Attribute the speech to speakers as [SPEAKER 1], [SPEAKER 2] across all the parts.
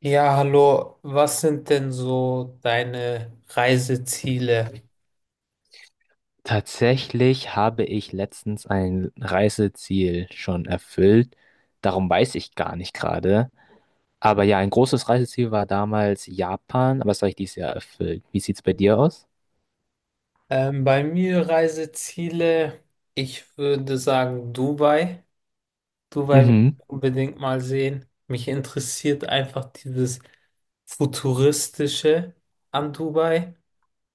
[SPEAKER 1] Ja, hallo. Was sind denn so deine Reiseziele?
[SPEAKER 2] Tatsächlich habe ich letztens ein Reiseziel schon erfüllt. Darum weiß ich gar nicht gerade. Aber ja, ein großes Reiseziel war damals Japan, aber das habe ich dieses Jahr erfüllt. Wie sieht's bei dir aus?
[SPEAKER 1] Bei mir Reiseziele, ich würde sagen Dubai. Dubai will
[SPEAKER 2] Mhm.
[SPEAKER 1] ich unbedingt mal sehen. Mich interessiert einfach dieses Futuristische an Dubai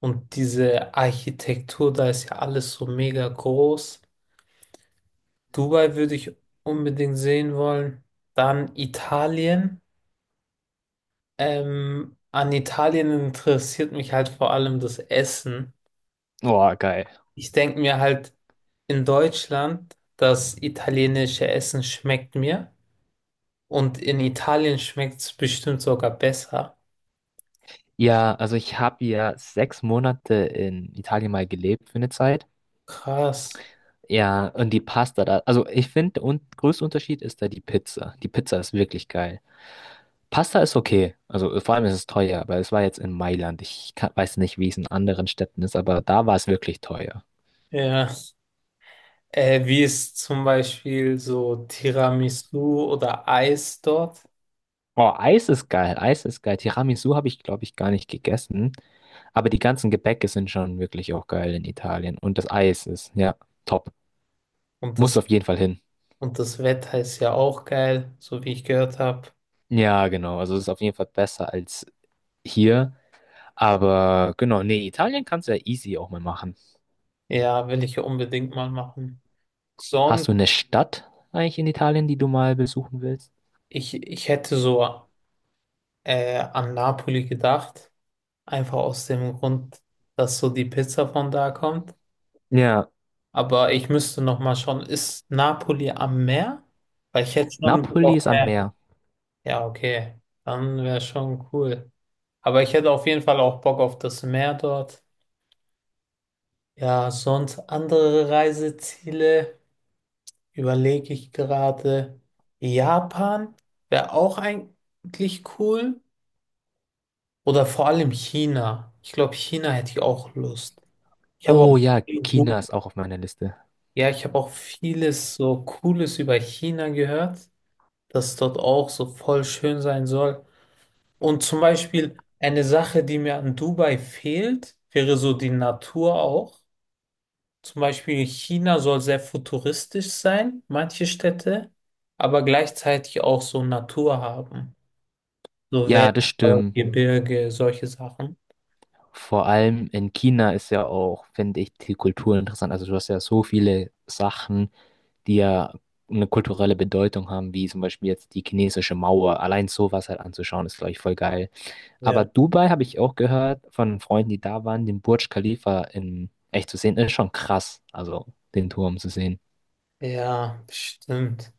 [SPEAKER 1] und diese Architektur, da ist ja alles so mega groß. Dubai würde ich unbedingt sehen wollen. Dann Italien. An Italien interessiert mich halt vor allem das Essen.
[SPEAKER 2] Boah, geil.
[SPEAKER 1] Ich denke mir halt, in Deutschland, das italienische Essen schmeckt mir und in Italien schmeckt es bestimmt sogar besser.
[SPEAKER 2] Ja, also ich habe ja 6 Monate in Italien mal gelebt für eine Zeit.
[SPEAKER 1] Krass.
[SPEAKER 2] Ja, und die Pasta da. Also ich finde, der un größte Unterschied ist da die Pizza. Die Pizza ist wirklich geil. Pasta ist okay. Also vor allem ist es teuer, aber es war jetzt in Mailand. Ich kann, weiß nicht, wie es in anderen Städten ist, aber da war es wirklich teuer.
[SPEAKER 1] Ja. Wie ist zum Beispiel so Tiramisu oder Eis dort?
[SPEAKER 2] Oh, Eis ist geil. Eis ist geil. Tiramisu habe ich, glaube ich, gar nicht gegessen. Aber die ganzen Gebäcke sind schon wirklich auch geil in Italien. Und das Eis ist, ja, top.
[SPEAKER 1] Und
[SPEAKER 2] Muss
[SPEAKER 1] das,
[SPEAKER 2] auf jeden Fall hin.
[SPEAKER 1] und das Wetter ist ja auch geil, so wie ich gehört habe.
[SPEAKER 2] Ja, genau. Also es ist auf jeden Fall besser als hier. Aber genau, nee, Italien kannst du ja easy auch mal machen.
[SPEAKER 1] Ja, will ich unbedingt mal machen. Sonst,
[SPEAKER 2] Hast du eine Stadt eigentlich in Italien, die du mal besuchen willst?
[SPEAKER 1] ich hätte so. An Napoli gedacht. Einfach aus dem Grund, dass so die Pizza von da kommt.
[SPEAKER 2] Ja.
[SPEAKER 1] Aber ich müsste noch mal schauen, ist Napoli am Meer? Weil ich hätte schon Bock
[SPEAKER 2] Napoli
[SPEAKER 1] auf
[SPEAKER 2] ist am
[SPEAKER 1] Meer.
[SPEAKER 2] Meer.
[SPEAKER 1] Ja, okay. Dann wäre schon cool. Aber ich hätte auf jeden Fall auch Bock auf das Meer dort. Ja, sonst andere Reiseziele überlege ich gerade. Japan wäre auch eigentlich cool. Oder vor allem China. Ich glaube, China hätte ich auch Lust. Ich habe auch,
[SPEAKER 2] Oh ja, China ist auch auf meiner Liste.
[SPEAKER 1] ja, ich habe auch vieles so Cooles über China gehört, dass dort auch so voll schön sein soll. Und zum Beispiel eine Sache, die mir an Dubai fehlt, wäre so die Natur auch. Zum Beispiel China soll sehr futuristisch sein, manche Städte, aber gleichzeitig auch so Natur haben. So
[SPEAKER 2] Ja, das
[SPEAKER 1] Wälder,
[SPEAKER 2] stimmt.
[SPEAKER 1] Gebirge, solche Sachen.
[SPEAKER 2] Vor allem in China ist ja auch, finde ich, die Kultur interessant. Also du hast ja so viele Sachen, die ja eine kulturelle Bedeutung haben, wie zum Beispiel jetzt die chinesische Mauer. Allein sowas halt anzuschauen, ist, glaube ich, voll geil. Aber
[SPEAKER 1] Ja.
[SPEAKER 2] Dubai habe ich auch gehört von Freunden, die da waren, den Burj Khalifa in echt zu sehen, ist schon krass. Also den Turm zu sehen.
[SPEAKER 1] Ja, stimmt.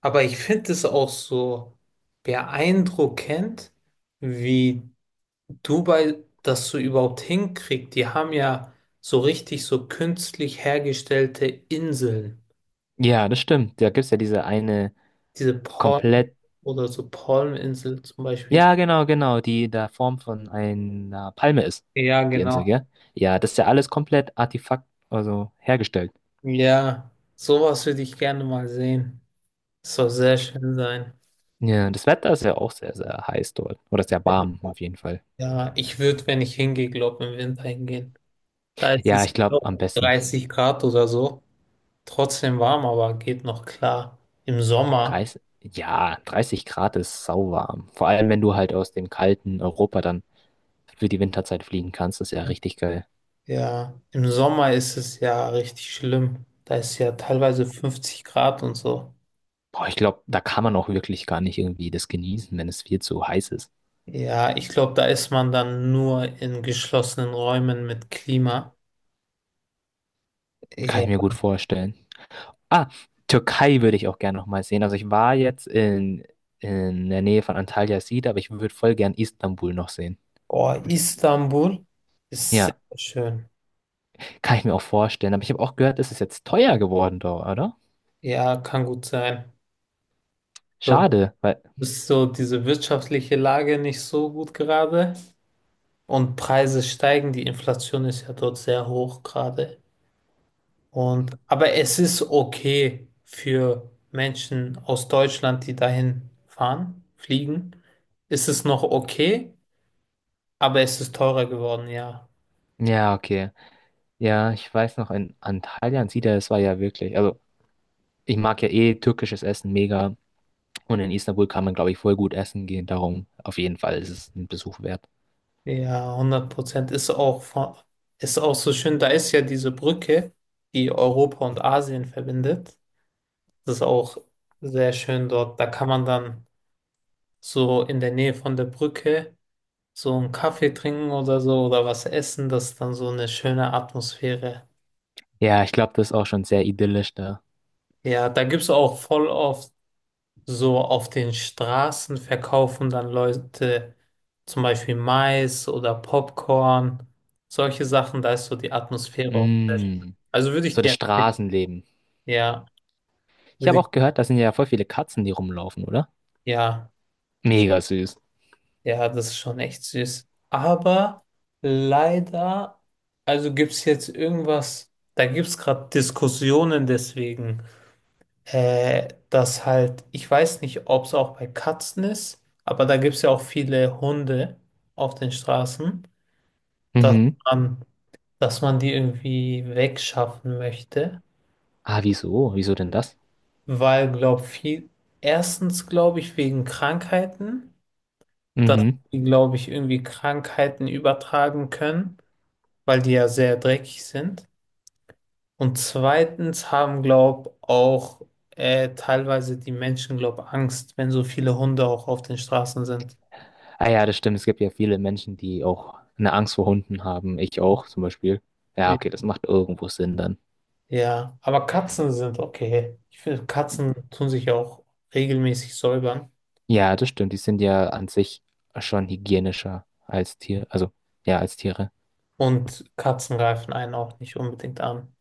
[SPEAKER 1] Aber ich finde es auch so beeindruckend, wie Dubai das so überhaupt hinkriegt. Die haben ja so richtig so künstlich hergestellte Inseln.
[SPEAKER 2] Ja, das stimmt. Da gibt es ja diese eine
[SPEAKER 1] Diese Palm
[SPEAKER 2] komplett.
[SPEAKER 1] oder so Palminsel zum Beispiel.
[SPEAKER 2] Ja, genau, genau, die in der Form von einer Palme ist,
[SPEAKER 1] Ja,
[SPEAKER 2] die Insel,
[SPEAKER 1] genau.
[SPEAKER 2] gell? Ja, das ist ja alles komplett Artefakt, also hergestellt.
[SPEAKER 1] Ja, sowas würde ich gerne mal sehen. Das soll sehr schön sein.
[SPEAKER 2] Ja, das Wetter ist ja auch sehr, sehr heiß dort. Oder sehr warm, auf jeden Fall.
[SPEAKER 1] Ja, ich würde, wenn ich hingehe, glaube im Winter hingehen. Da ist
[SPEAKER 2] Ja,
[SPEAKER 1] es
[SPEAKER 2] ich glaube, am
[SPEAKER 1] glaub,
[SPEAKER 2] besten
[SPEAKER 1] 30 Grad oder so. Trotzdem warm, aber geht noch klar. Im Sommer,
[SPEAKER 2] 30, ja, 30 Grad ist sauwarm. Vor allem, wenn du halt aus dem kalten Europa dann für die Winterzeit fliegen kannst, ist ja richtig geil.
[SPEAKER 1] ja, im Sommer ist es ja richtig schlimm. Da ist ja teilweise 50 Grad und so.
[SPEAKER 2] Boah, ich glaube, da kann man auch wirklich gar nicht irgendwie das genießen, wenn es viel zu heiß ist.
[SPEAKER 1] Ja, ich glaube, da ist man dann nur in geschlossenen Räumen mit Klima.
[SPEAKER 2] Kann ich mir
[SPEAKER 1] Ja.
[SPEAKER 2] gut vorstellen. Ah, Türkei würde ich auch gerne nochmal sehen. Also ich war jetzt in der Nähe von Antalya Sida, aber ich würde voll gern Istanbul noch sehen.
[SPEAKER 1] Oh, Istanbul ist sehr
[SPEAKER 2] Ja,
[SPEAKER 1] schön.
[SPEAKER 2] kann ich mir auch vorstellen. Aber ich habe auch gehört, es ist jetzt teuer geworden dort, oder?
[SPEAKER 1] Ja, kann gut sein. Dort
[SPEAKER 2] Schade, weil.
[SPEAKER 1] ist so diese wirtschaftliche Lage nicht so gut gerade und Preise steigen. Die Inflation ist ja dort sehr hoch gerade. Und, aber es ist okay für Menschen aus Deutschland, die dahin fahren, fliegen. Ist es noch okay, aber es ist teurer geworden, ja.
[SPEAKER 2] Ja, okay. Ja, ich weiß noch, in Antalya und Sida, das war ja wirklich. Also, ich mag ja eh türkisches Essen mega. Und in Istanbul kann man, glaube ich, voll gut essen gehen. Darum, auf jeden Fall ist es ein Besuch wert.
[SPEAKER 1] Ja, 100% ist auch, von- ist auch so schön. Da ist ja diese Brücke, die Europa und Asien verbindet. Das ist auch sehr schön dort. Da kann man dann so in der Nähe von der Brücke so einen Kaffee trinken oder so oder was essen. Das ist dann so eine schöne Atmosphäre.
[SPEAKER 2] Ja, ich glaube, das ist auch schon sehr idyllisch da.
[SPEAKER 1] Ja, da gibt es auch voll oft so auf den Straßen verkaufen dann Leute zum Beispiel Mais oder Popcorn, solche Sachen, da ist so die Atmosphäre auch sehr schön.
[SPEAKER 2] Mm,
[SPEAKER 1] Also würde ich
[SPEAKER 2] so das
[SPEAKER 1] dir empfehlen.
[SPEAKER 2] Straßenleben.
[SPEAKER 1] Ja,
[SPEAKER 2] Ich habe
[SPEAKER 1] würde ich,
[SPEAKER 2] auch gehört, da sind ja voll viele Katzen, die rumlaufen, oder?
[SPEAKER 1] ja,
[SPEAKER 2] Mega süß.
[SPEAKER 1] ja, das ist schon echt süß. Aber leider, also gibt es jetzt irgendwas, da gibt es gerade Diskussionen deswegen. Dass halt, ich weiß nicht, ob es auch bei Katzen ist, aber da gibt es ja auch viele Hunde auf den Straßen, dass
[SPEAKER 2] Mhm.
[SPEAKER 1] man, dass man die irgendwie wegschaffen möchte,
[SPEAKER 2] Ah, wieso? Wieso denn das?
[SPEAKER 1] weil, glaube viel, erstens glaube ich wegen Krankheiten, dass
[SPEAKER 2] Mhm.
[SPEAKER 1] die, glaube ich, irgendwie Krankheiten übertragen können, weil die ja sehr dreckig sind. Und zweitens haben, glaub, auch teilweise die Menschen, glaub, Angst, wenn so viele Hunde auch auf den Straßen sind.
[SPEAKER 2] Ah ja, das stimmt. Es gibt ja viele Menschen, die auch eine Angst vor Hunden haben. Ich auch zum Beispiel. Ja,
[SPEAKER 1] Ja,
[SPEAKER 2] okay, das macht irgendwo Sinn dann.
[SPEAKER 1] ja, aber Katzen sind okay. Ich finde, Katzen tun sich ja auch regelmäßig säubern
[SPEAKER 2] Ja, das stimmt. Die sind ja an sich schon hygienischer als Tier, also ja, als Tiere.
[SPEAKER 1] und Katzen greifen einen auch nicht unbedingt an.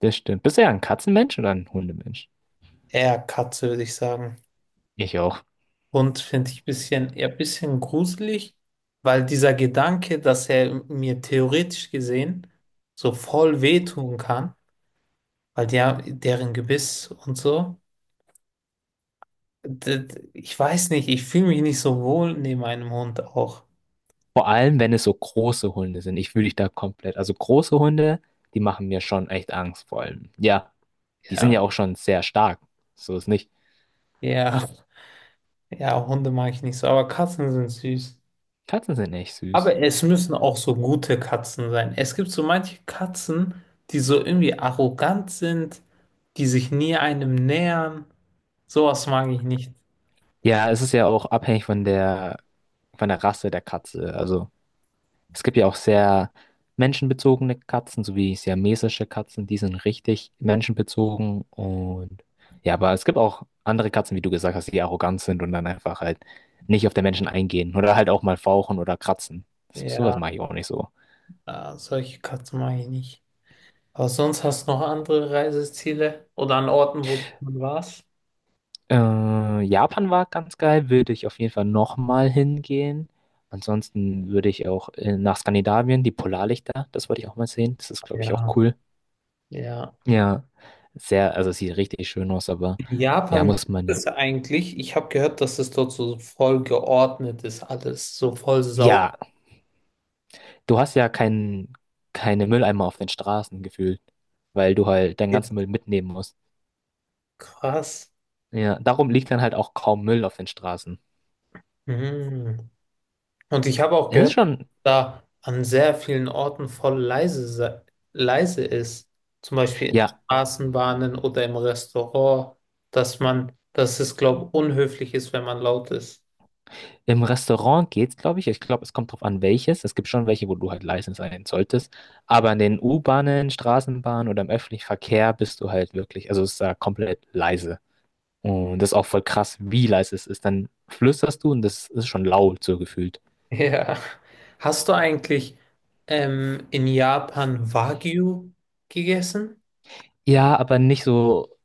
[SPEAKER 2] Das stimmt. Bist du ja ein Katzenmensch oder ein Hundemensch?
[SPEAKER 1] Eher Katze, würde ich sagen.
[SPEAKER 2] Ich auch.
[SPEAKER 1] Hund finde ich bisschen, eher ein bisschen gruselig, weil dieser Gedanke, dass er mir theoretisch gesehen so voll wehtun kann, weil der, deren Gebiss und so. Ich weiß nicht, ich fühle mich nicht so wohl neben einem Hund auch.
[SPEAKER 2] Vor allem, wenn es so große Hunde sind. Ich fühle dich da komplett. Also große Hunde, die machen mir schon echt Angst, vor allem. Ja. Die sind ja
[SPEAKER 1] Ja,
[SPEAKER 2] auch schon sehr stark. So ist nicht.
[SPEAKER 1] ja, ja, Hunde mag ich nicht so, aber Katzen sind süß.
[SPEAKER 2] Katzen sind echt süß.
[SPEAKER 1] Aber es müssen auch so gute Katzen sein. Es gibt so manche Katzen, die so irgendwie arrogant sind, die sich nie einem nähern. Sowas mag ich nicht.
[SPEAKER 2] Ja, es ist ja auch abhängig von der Rasse der Katze. Also es gibt ja auch sehr menschenbezogene Katzen, sowie siamesische Katzen, die sind richtig menschenbezogen. Und ja, aber es gibt auch andere Katzen, wie du gesagt hast, die arrogant sind und dann einfach halt nicht auf den Menschen eingehen oder halt auch mal fauchen oder kratzen. Das- Sowas
[SPEAKER 1] Ja,
[SPEAKER 2] mache ich auch nicht so.
[SPEAKER 1] solche Katzen mag ich nicht. Aber sonst hast du noch andere Reiseziele oder an Orten, wo du schon warst?
[SPEAKER 2] Japan war ganz geil, würde ich auf jeden Fall nochmal hingehen. Ansonsten würde ich auch nach Skandinavien, die Polarlichter, das wollte ich auch mal sehen. Das ist, glaube ich, auch
[SPEAKER 1] Ja,
[SPEAKER 2] cool.
[SPEAKER 1] ja.
[SPEAKER 2] Ja, sehr, also sieht richtig schön aus, aber ja,
[SPEAKER 1] Japan, wie
[SPEAKER 2] muss man
[SPEAKER 1] ist
[SPEAKER 2] ja.
[SPEAKER 1] es eigentlich? Ich habe gehört, dass es dort so voll geordnet ist, alles so voll sauber.
[SPEAKER 2] Ja, du hast ja kein, keine Mülleimer auf den Straßen gefühlt, weil du halt deinen ganzen Müll mitnehmen musst.
[SPEAKER 1] Krass.
[SPEAKER 2] Ja, darum liegt dann halt auch kaum Müll auf den Straßen.
[SPEAKER 1] Mhm. Und ich habe auch
[SPEAKER 2] Es ist
[SPEAKER 1] gehört,
[SPEAKER 2] schon,
[SPEAKER 1] da an sehr vielen Orten voll leise ist. Zum Beispiel in
[SPEAKER 2] ja.
[SPEAKER 1] Straßenbahnen oder im Restaurant, dass man, dass es, glaube ich, unhöflich ist, wenn man laut ist.
[SPEAKER 2] Im Restaurant geht's, glaube ich. Ich glaube, es kommt drauf an, welches. Es gibt schon welche, wo du halt leise sein solltest. Aber in den U-Bahnen, Straßenbahnen oder im öffentlichen Verkehr bist du halt wirklich, also es ist da komplett leise. Und das ist auch voll krass, wie leise es ist. Dann flüsterst du und das ist schon laut so gefühlt.
[SPEAKER 1] Ja. Hast du eigentlich in Japan Wagyu gegessen?
[SPEAKER 2] Ja, aber nicht so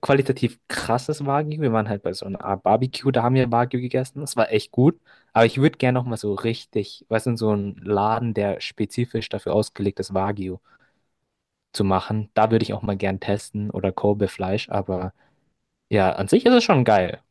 [SPEAKER 2] qualitativ krasses Wagyu. Wir waren halt bei so einer Art Barbecue, da haben wir Wagyu gegessen. Das war echt gut. Aber ich würde gerne nochmal so richtig, weißt du, in so einen Laden, der spezifisch dafür ausgelegt ist, Wagyu zu machen. Da würde ich auch mal gern testen oder Kobe-Fleisch, aber ja, an sich ist es schon geil.